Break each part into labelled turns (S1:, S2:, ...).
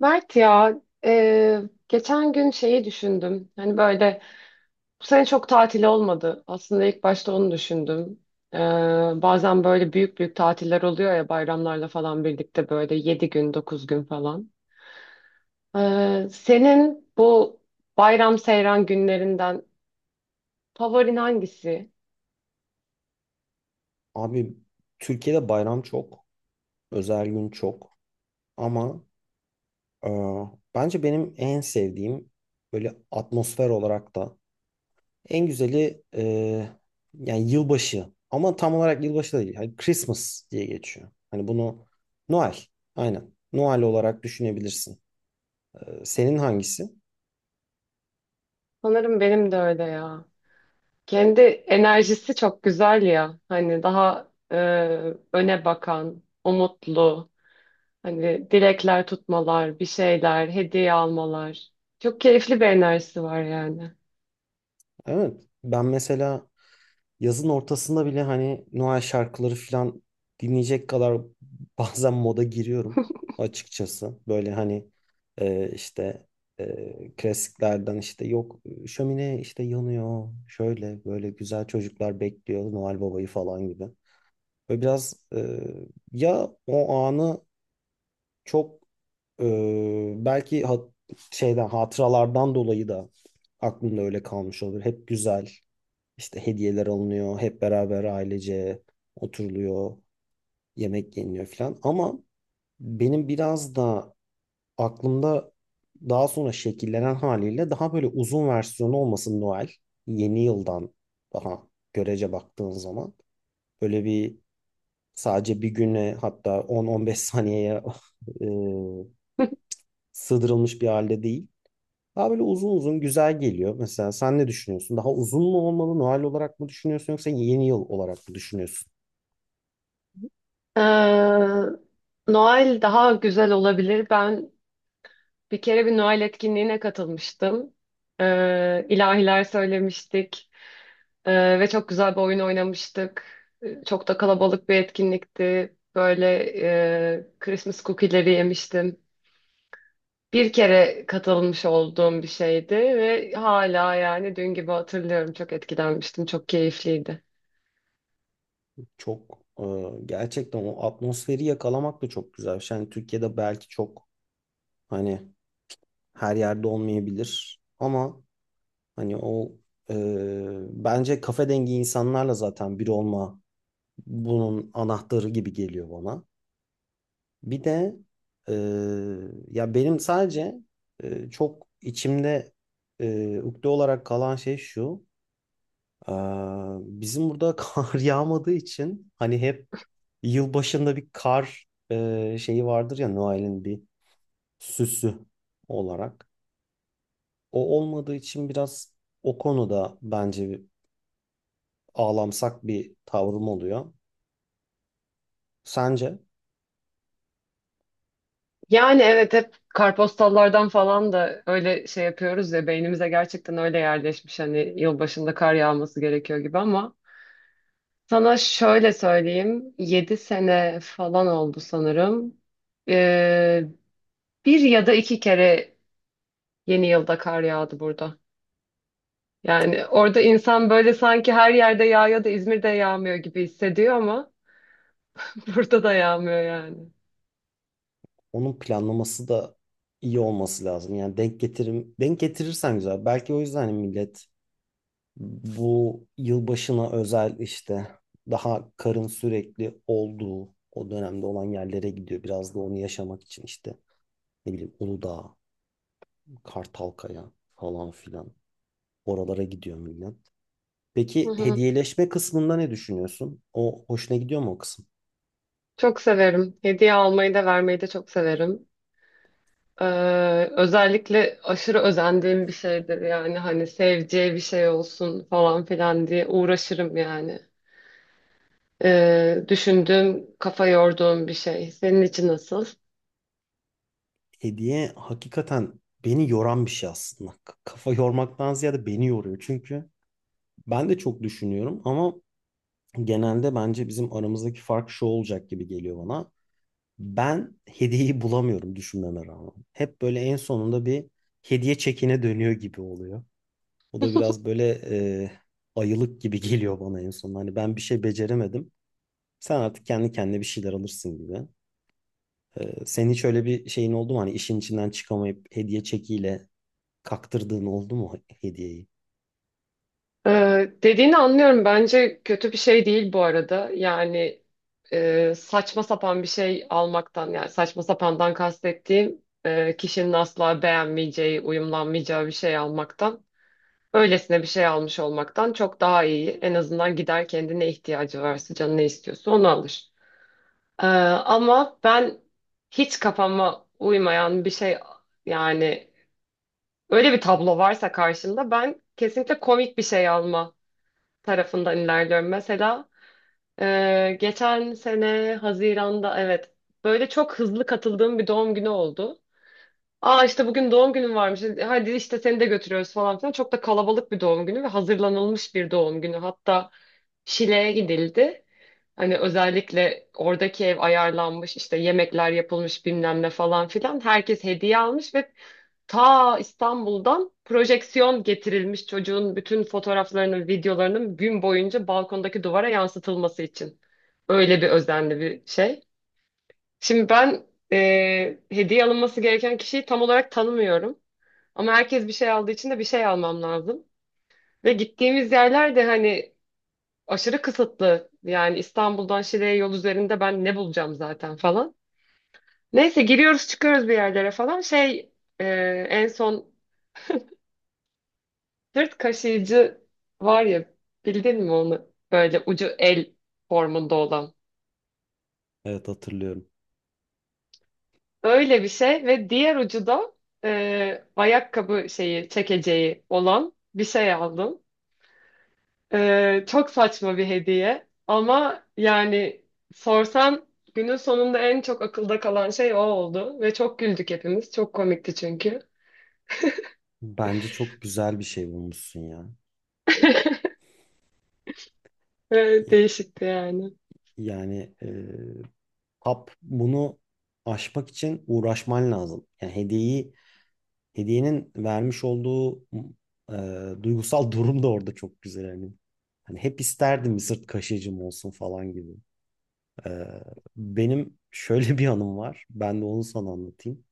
S1: Mert ya, e, geçen gün şeyi düşündüm. Hani böyle bu sene çok tatil olmadı. Aslında ilk başta onu düşündüm. E, Bazen böyle büyük büyük tatiller oluyor ya, bayramlarla falan birlikte, böyle 7 gün 9 gün falan. Senin bu bayram seyran günlerinden favorin hangisi?
S2: Abi Türkiye'de bayram çok, özel gün çok ama e, bence benim en sevdiğim böyle atmosfer olarak da en güzeli yani yılbaşı ama tam olarak yılbaşı da değil. Hani Christmas diye geçiyor. Hani bunu Noel, aynen Noel olarak düşünebilirsin. Senin hangisi?
S1: Sanırım benim de öyle ya. Kendi enerjisi çok güzel ya. Hani daha öne bakan, umutlu. Hani dilekler tutmalar, bir şeyler, hediye almalar. Çok keyifli bir enerjisi var yani.
S2: Evet, ben mesela yazın ortasında bile hani Noel şarkıları falan dinleyecek kadar bazen moda giriyorum açıkçası. Böyle hani işte klasiklerden, işte yok şömine işte yanıyor, şöyle böyle güzel çocuklar bekliyor Noel Baba'yı falan gibi. Ve biraz ya o anı çok e, belki şeyden, hatıralardan dolayı da aklımda öyle kalmış olabilir. Hep güzel. İşte hediyeler alınıyor, hep beraber ailece oturuluyor, yemek yeniliyor falan. Ama benim biraz da aklımda daha sonra şekillenen haliyle daha böyle uzun versiyonu olmasın Noel. Yeni yıldan daha görece baktığın zaman böyle bir, sadece bir güne, hatta 10-15 saniyeye e, sığdırılmış bir halde değil. Daha böyle uzun uzun güzel geliyor. Mesela sen ne düşünüyorsun? Daha uzun mu olmalı? Noel olarak mı düşünüyorsun yoksa yeni yıl olarak mı düşünüyorsun?
S1: Ee, Noel daha güzel olabilir. Ben bir kere bir Noel etkinliğine katılmıştım. İlahiler söylemiştik. Ve çok güzel bir oyun oynamıştık. Çok da kalabalık bir etkinlikti. Böyle Christmas cookie'leri yemiştim. Bir kere katılmış olduğum bir şeydi ve hala yani dün gibi hatırlıyorum. Çok etkilenmiştim. Çok keyifliydi.
S2: Çok gerçekten o atmosferi yakalamak da çok güzel bir şey. Hani Türkiye'de belki çok hani her yerde olmayabilir ama hani o e, bence kafe dengi insanlarla zaten bir olma bunun anahtarı gibi geliyor bana. Bir de e, ya benim sadece çok içimde ukde olarak kalan şey şu. e, bizim burada kar yağmadığı için hani hep yıl başında bir kar şeyi vardır ya, Noel'in bir süsü olarak. O olmadığı için biraz o konuda bence bir ağlamsak bir tavrım oluyor. Sence
S1: Yani evet, hep kartpostallardan falan da öyle şey yapıyoruz ya, beynimize gerçekten öyle yerleşmiş hani yılbaşında kar yağması gerekiyor gibi, ama sana şöyle söyleyeyim, 7 sene falan oldu sanırım. Ee, Bir ya da iki kere yeni yılda kar yağdı burada. Yani orada insan böyle sanki her yerde yağıyor da İzmir'de yağmıyor gibi hissediyor, ama burada da yağmıyor yani.
S2: onun planlaması da iyi olması lazım. Yani denk getirirsen güzel. Belki o yüzden hani millet bu yılbaşına özel işte daha karın sürekli olduğu o dönemde olan yerlere gidiyor. Biraz da onu yaşamak için işte, ne bileyim, Uludağ, Kartalkaya falan filan. Oralara gidiyor millet.
S1: Hı
S2: Peki,
S1: hı.
S2: hediyeleşme kısmında ne düşünüyorsun? O hoşuna gidiyor mu, o kısım?
S1: Çok severim. Hediye almayı da vermeyi de çok severim. Ee, Özellikle aşırı özendiğim bir şeydir yani, hani seveceği bir şey olsun falan filan diye uğraşırım yani. Düşündüğüm, kafa yorduğum bir şey. Senin için nasıl?
S2: Hediye hakikaten beni yoran bir şey aslında. Kafa yormaktan ziyade beni yoruyor. Çünkü ben de çok düşünüyorum ama genelde bence bizim aramızdaki fark şu olacak gibi geliyor bana. Ben hediyeyi bulamıyorum düşünmeme rağmen. Hep böyle en sonunda bir hediye çekine dönüyor gibi oluyor. O da biraz böyle e, ayılık gibi geliyor bana en son. Hani ben bir şey beceremedim. Sen artık kendi kendine bir şeyler alırsın gibi. Senin hiç öyle bir şeyin oldu mu? Hani işin içinden çıkamayıp hediye çekiyle kaktırdığın oldu mu hediyeyi?
S1: Dediğini anlıyorum. Bence kötü bir şey değil bu arada. Yani saçma sapan bir şey almaktan, yani saçma sapandan kastettiğim kişinin asla beğenmeyeceği, uyumlanmayacağı bir şey almaktan, öylesine bir şey almış olmaktan çok daha iyi. En azından gider kendine, ihtiyacı varsa, canı ne istiyorsa onu alır. Ama ben hiç kafama uymayan bir şey, yani öyle bir tablo varsa karşımda ben kesinlikle komik bir şey alma tarafından ilerliyorum. Mesela geçen sene Haziran'da, evet, böyle çok hızlı katıldığım bir doğum günü oldu. Aa, işte bugün doğum günün varmış. Hadi işte seni de götürüyoruz falan filan. Çok da kalabalık bir doğum günü ve hazırlanılmış bir doğum günü. Hatta Şile'ye gidildi. Hani özellikle oradaki ev ayarlanmış, işte yemekler yapılmış bilmem ne falan filan. Herkes hediye almış ve ta İstanbul'dan projeksiyon getirilmiş, çocuğun bütün fotoğraflarının, videolarının gün boyunca balkondaki duvara yansıtılması için. Öyle bir özenli bir şey. Şimdi ben hediye alınması gereken kişiyi tam olarak tanımıyorum. Ama herkes bir şey aldığı için de bir şey almam lazım. Ve gittiğimiz yerler de hani aşırı kısıtlı. Yani İstanbul'dan Şile'ye yol üzerinde ben ne bulacağım zaten falan. Neyse, giriyoruz çıkıyoruz bir yerlere falan. Şey, e, en son sırt kaşıyıcı var ya, bildin mi onu? Böyle ucu el formunda olan.
S2: Evet, hatırlıyorum.
S1: Öyle bir şey ve diğer ucu da ayakkabı şeyi çekeceği olan bir şey aldım. Çok saçma bir hediye ama yani sorsan, günün sonunda en çok akılda kalan şey o oldu ve çok güldük hepimiz. Çok komikti çünkü.
S2: Bence çok güzel bir şey bulmuşsun ya. Ya-
S1: Değişikti yani.
S2: Yani hap bunu aşmak için uğraşman lazım. Yani hediyenin vermiş olduğu e, duygusal durum da orada çok güzel hani. Hani hep isterdim bir sırt kaşıyıcım olsun falan gibi. E, benim şöyle bir anım var. Ben de onu sana anlatayım.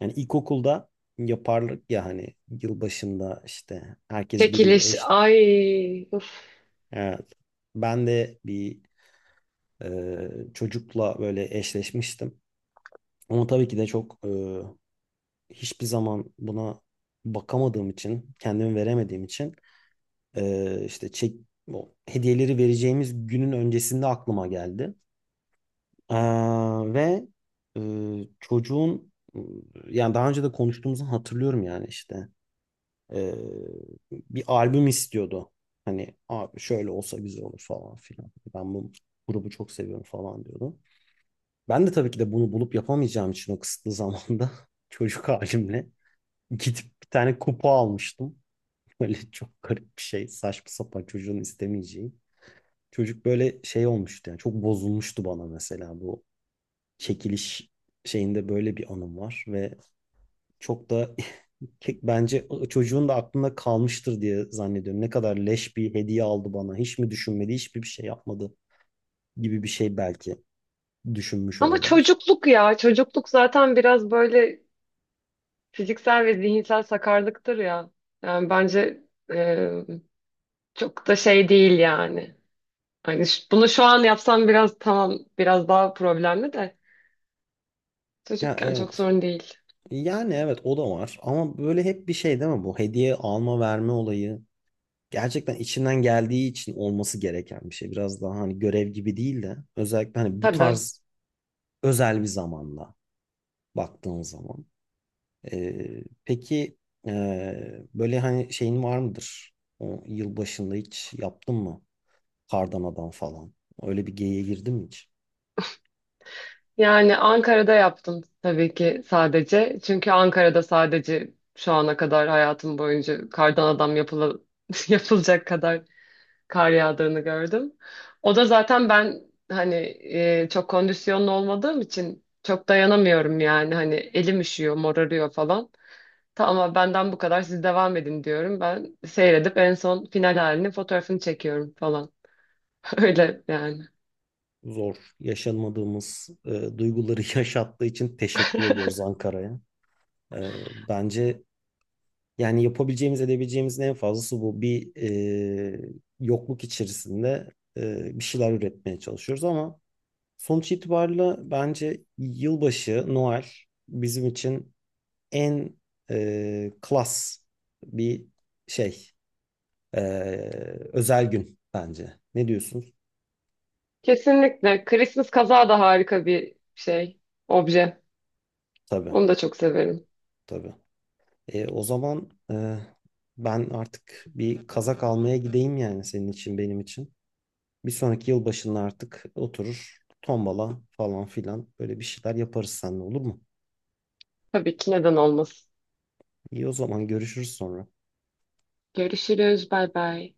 S2: Yani ilkokulda yaparlık ya hani, yılbaşında işte herkes biriyle
S1: Çekiliş,
S2: eş.
S1: ay uf.
S2: Evet. Ben de bir çocukla böyle eşleşmiştim. Ama tabii ki de çok hiçbir zaman buna bakamadığım için, kendimi veremediğim için işte o hediyeleri vereceğimiz günün öncesinde aklıma geldi. Ee, ve e, çocuğun, yani daha önce de konuştuğumuzu hatırlıyorum, yani işte Ee, bir albüm istiyordu. Hani abi şöyle olsa güzel olur falan filan. Ben bu grubu çok seviyorum falan diyordu. Ben de tabii ki de bunu bulup yapamayacağım için o kısıtlı zamanda çocuk halimle gidip bir tane kupa almıştım. Böyle çok garip bir şey. Saçma sapan, çocuğun istemeyeceği. Çocuk böyle şey olmuştu, yani çok bozulmuştu bana. Mesela bu çekiliş şeyinde böyle bir anım var ve çok da bence çocuğun da aklında kalmıştır diye zannediyorum. Ne kadar leş bir hediye aldı bana. Hiç mi düşünmedi, hiçbir bir şey yapmadı gibi bir şey belki düşünmüş
S1: Ama
S2: olabilir.
S1: çocukluk ya, çocukluk zaten biraz böyle fiziksel ve zihinsel sakarlıktır ya. Yani bence e, çok da şey değil yani. Hani bunu şu an yapsam biraz tamam, biraz daha problemli de
S2: Ya,
S1: çocukken çok
S2: evet.
S1: sorun değil.
S2: Yani evet, o da var ama böyle hep bir şey değil mi bu hediye alma verme olayı, gerçekten içinden geldiği için olması gereken bir şey. Biraz daha hani görev gibi değil de, özellikle hani bu
S1: Tabii.
S2: tarz özel bir zamanla baktığın zaman. Peki e, böyle hani şeyin var mıdır? O yıl başında hiç yaptın mı? Kardan falan. Öyle bir geyiğe girdin mi hiç?
S1: Yani Ankara'da yaptım tabii ki sadece. Çünkü Ankara'da sadece şu ana kadar hayatım boyunca kardan adam yapıla, yapılacak kadar kar yağdığını gördüm. O da zaten ben hani çok kondisyonlu olmadığım için çok dayanamıyorum yani. Hani elim üşüyor, morarıyor falan. Tamam, benden bu kadar, siz devam edin diyorum. Ben seyredip en son final halini, fotoğrafını çekiyorum falan. Öyle yani.
S2: Zor. Yaşanmadığımız duyguları yaşattığı için teşekkür ediyoruz Ankara'ya. Bence yani yapabileceğimiz, edebileceğimizin en fazlası bu. Bir e, yokluk içerisinde bir şeyler üretmeye çalışıyoruz ama sonuç itibariyle bence yılbaşı, Noel bizim için en klas bir şey, e, özel gün bence. Ne diyorsun?
S1: Kesinlikle. Christmas kazağı da harika bir şey, obje.
S2: Tabii,
S1: Onu da çok severim.
S2: tabii. O zaman ben artık bir kazak almaya gideyim, yani senin için, benim için. Bir sonraki yılbaşında artık oturur, tombala falan filan böyle bir şeyler yaparız seninle, olur mu?
S1: Tabii ki, neden olmasın.
S2: İyi, o zaman görüşürüz sonra.
S1: Görüşürüz. Bay bay.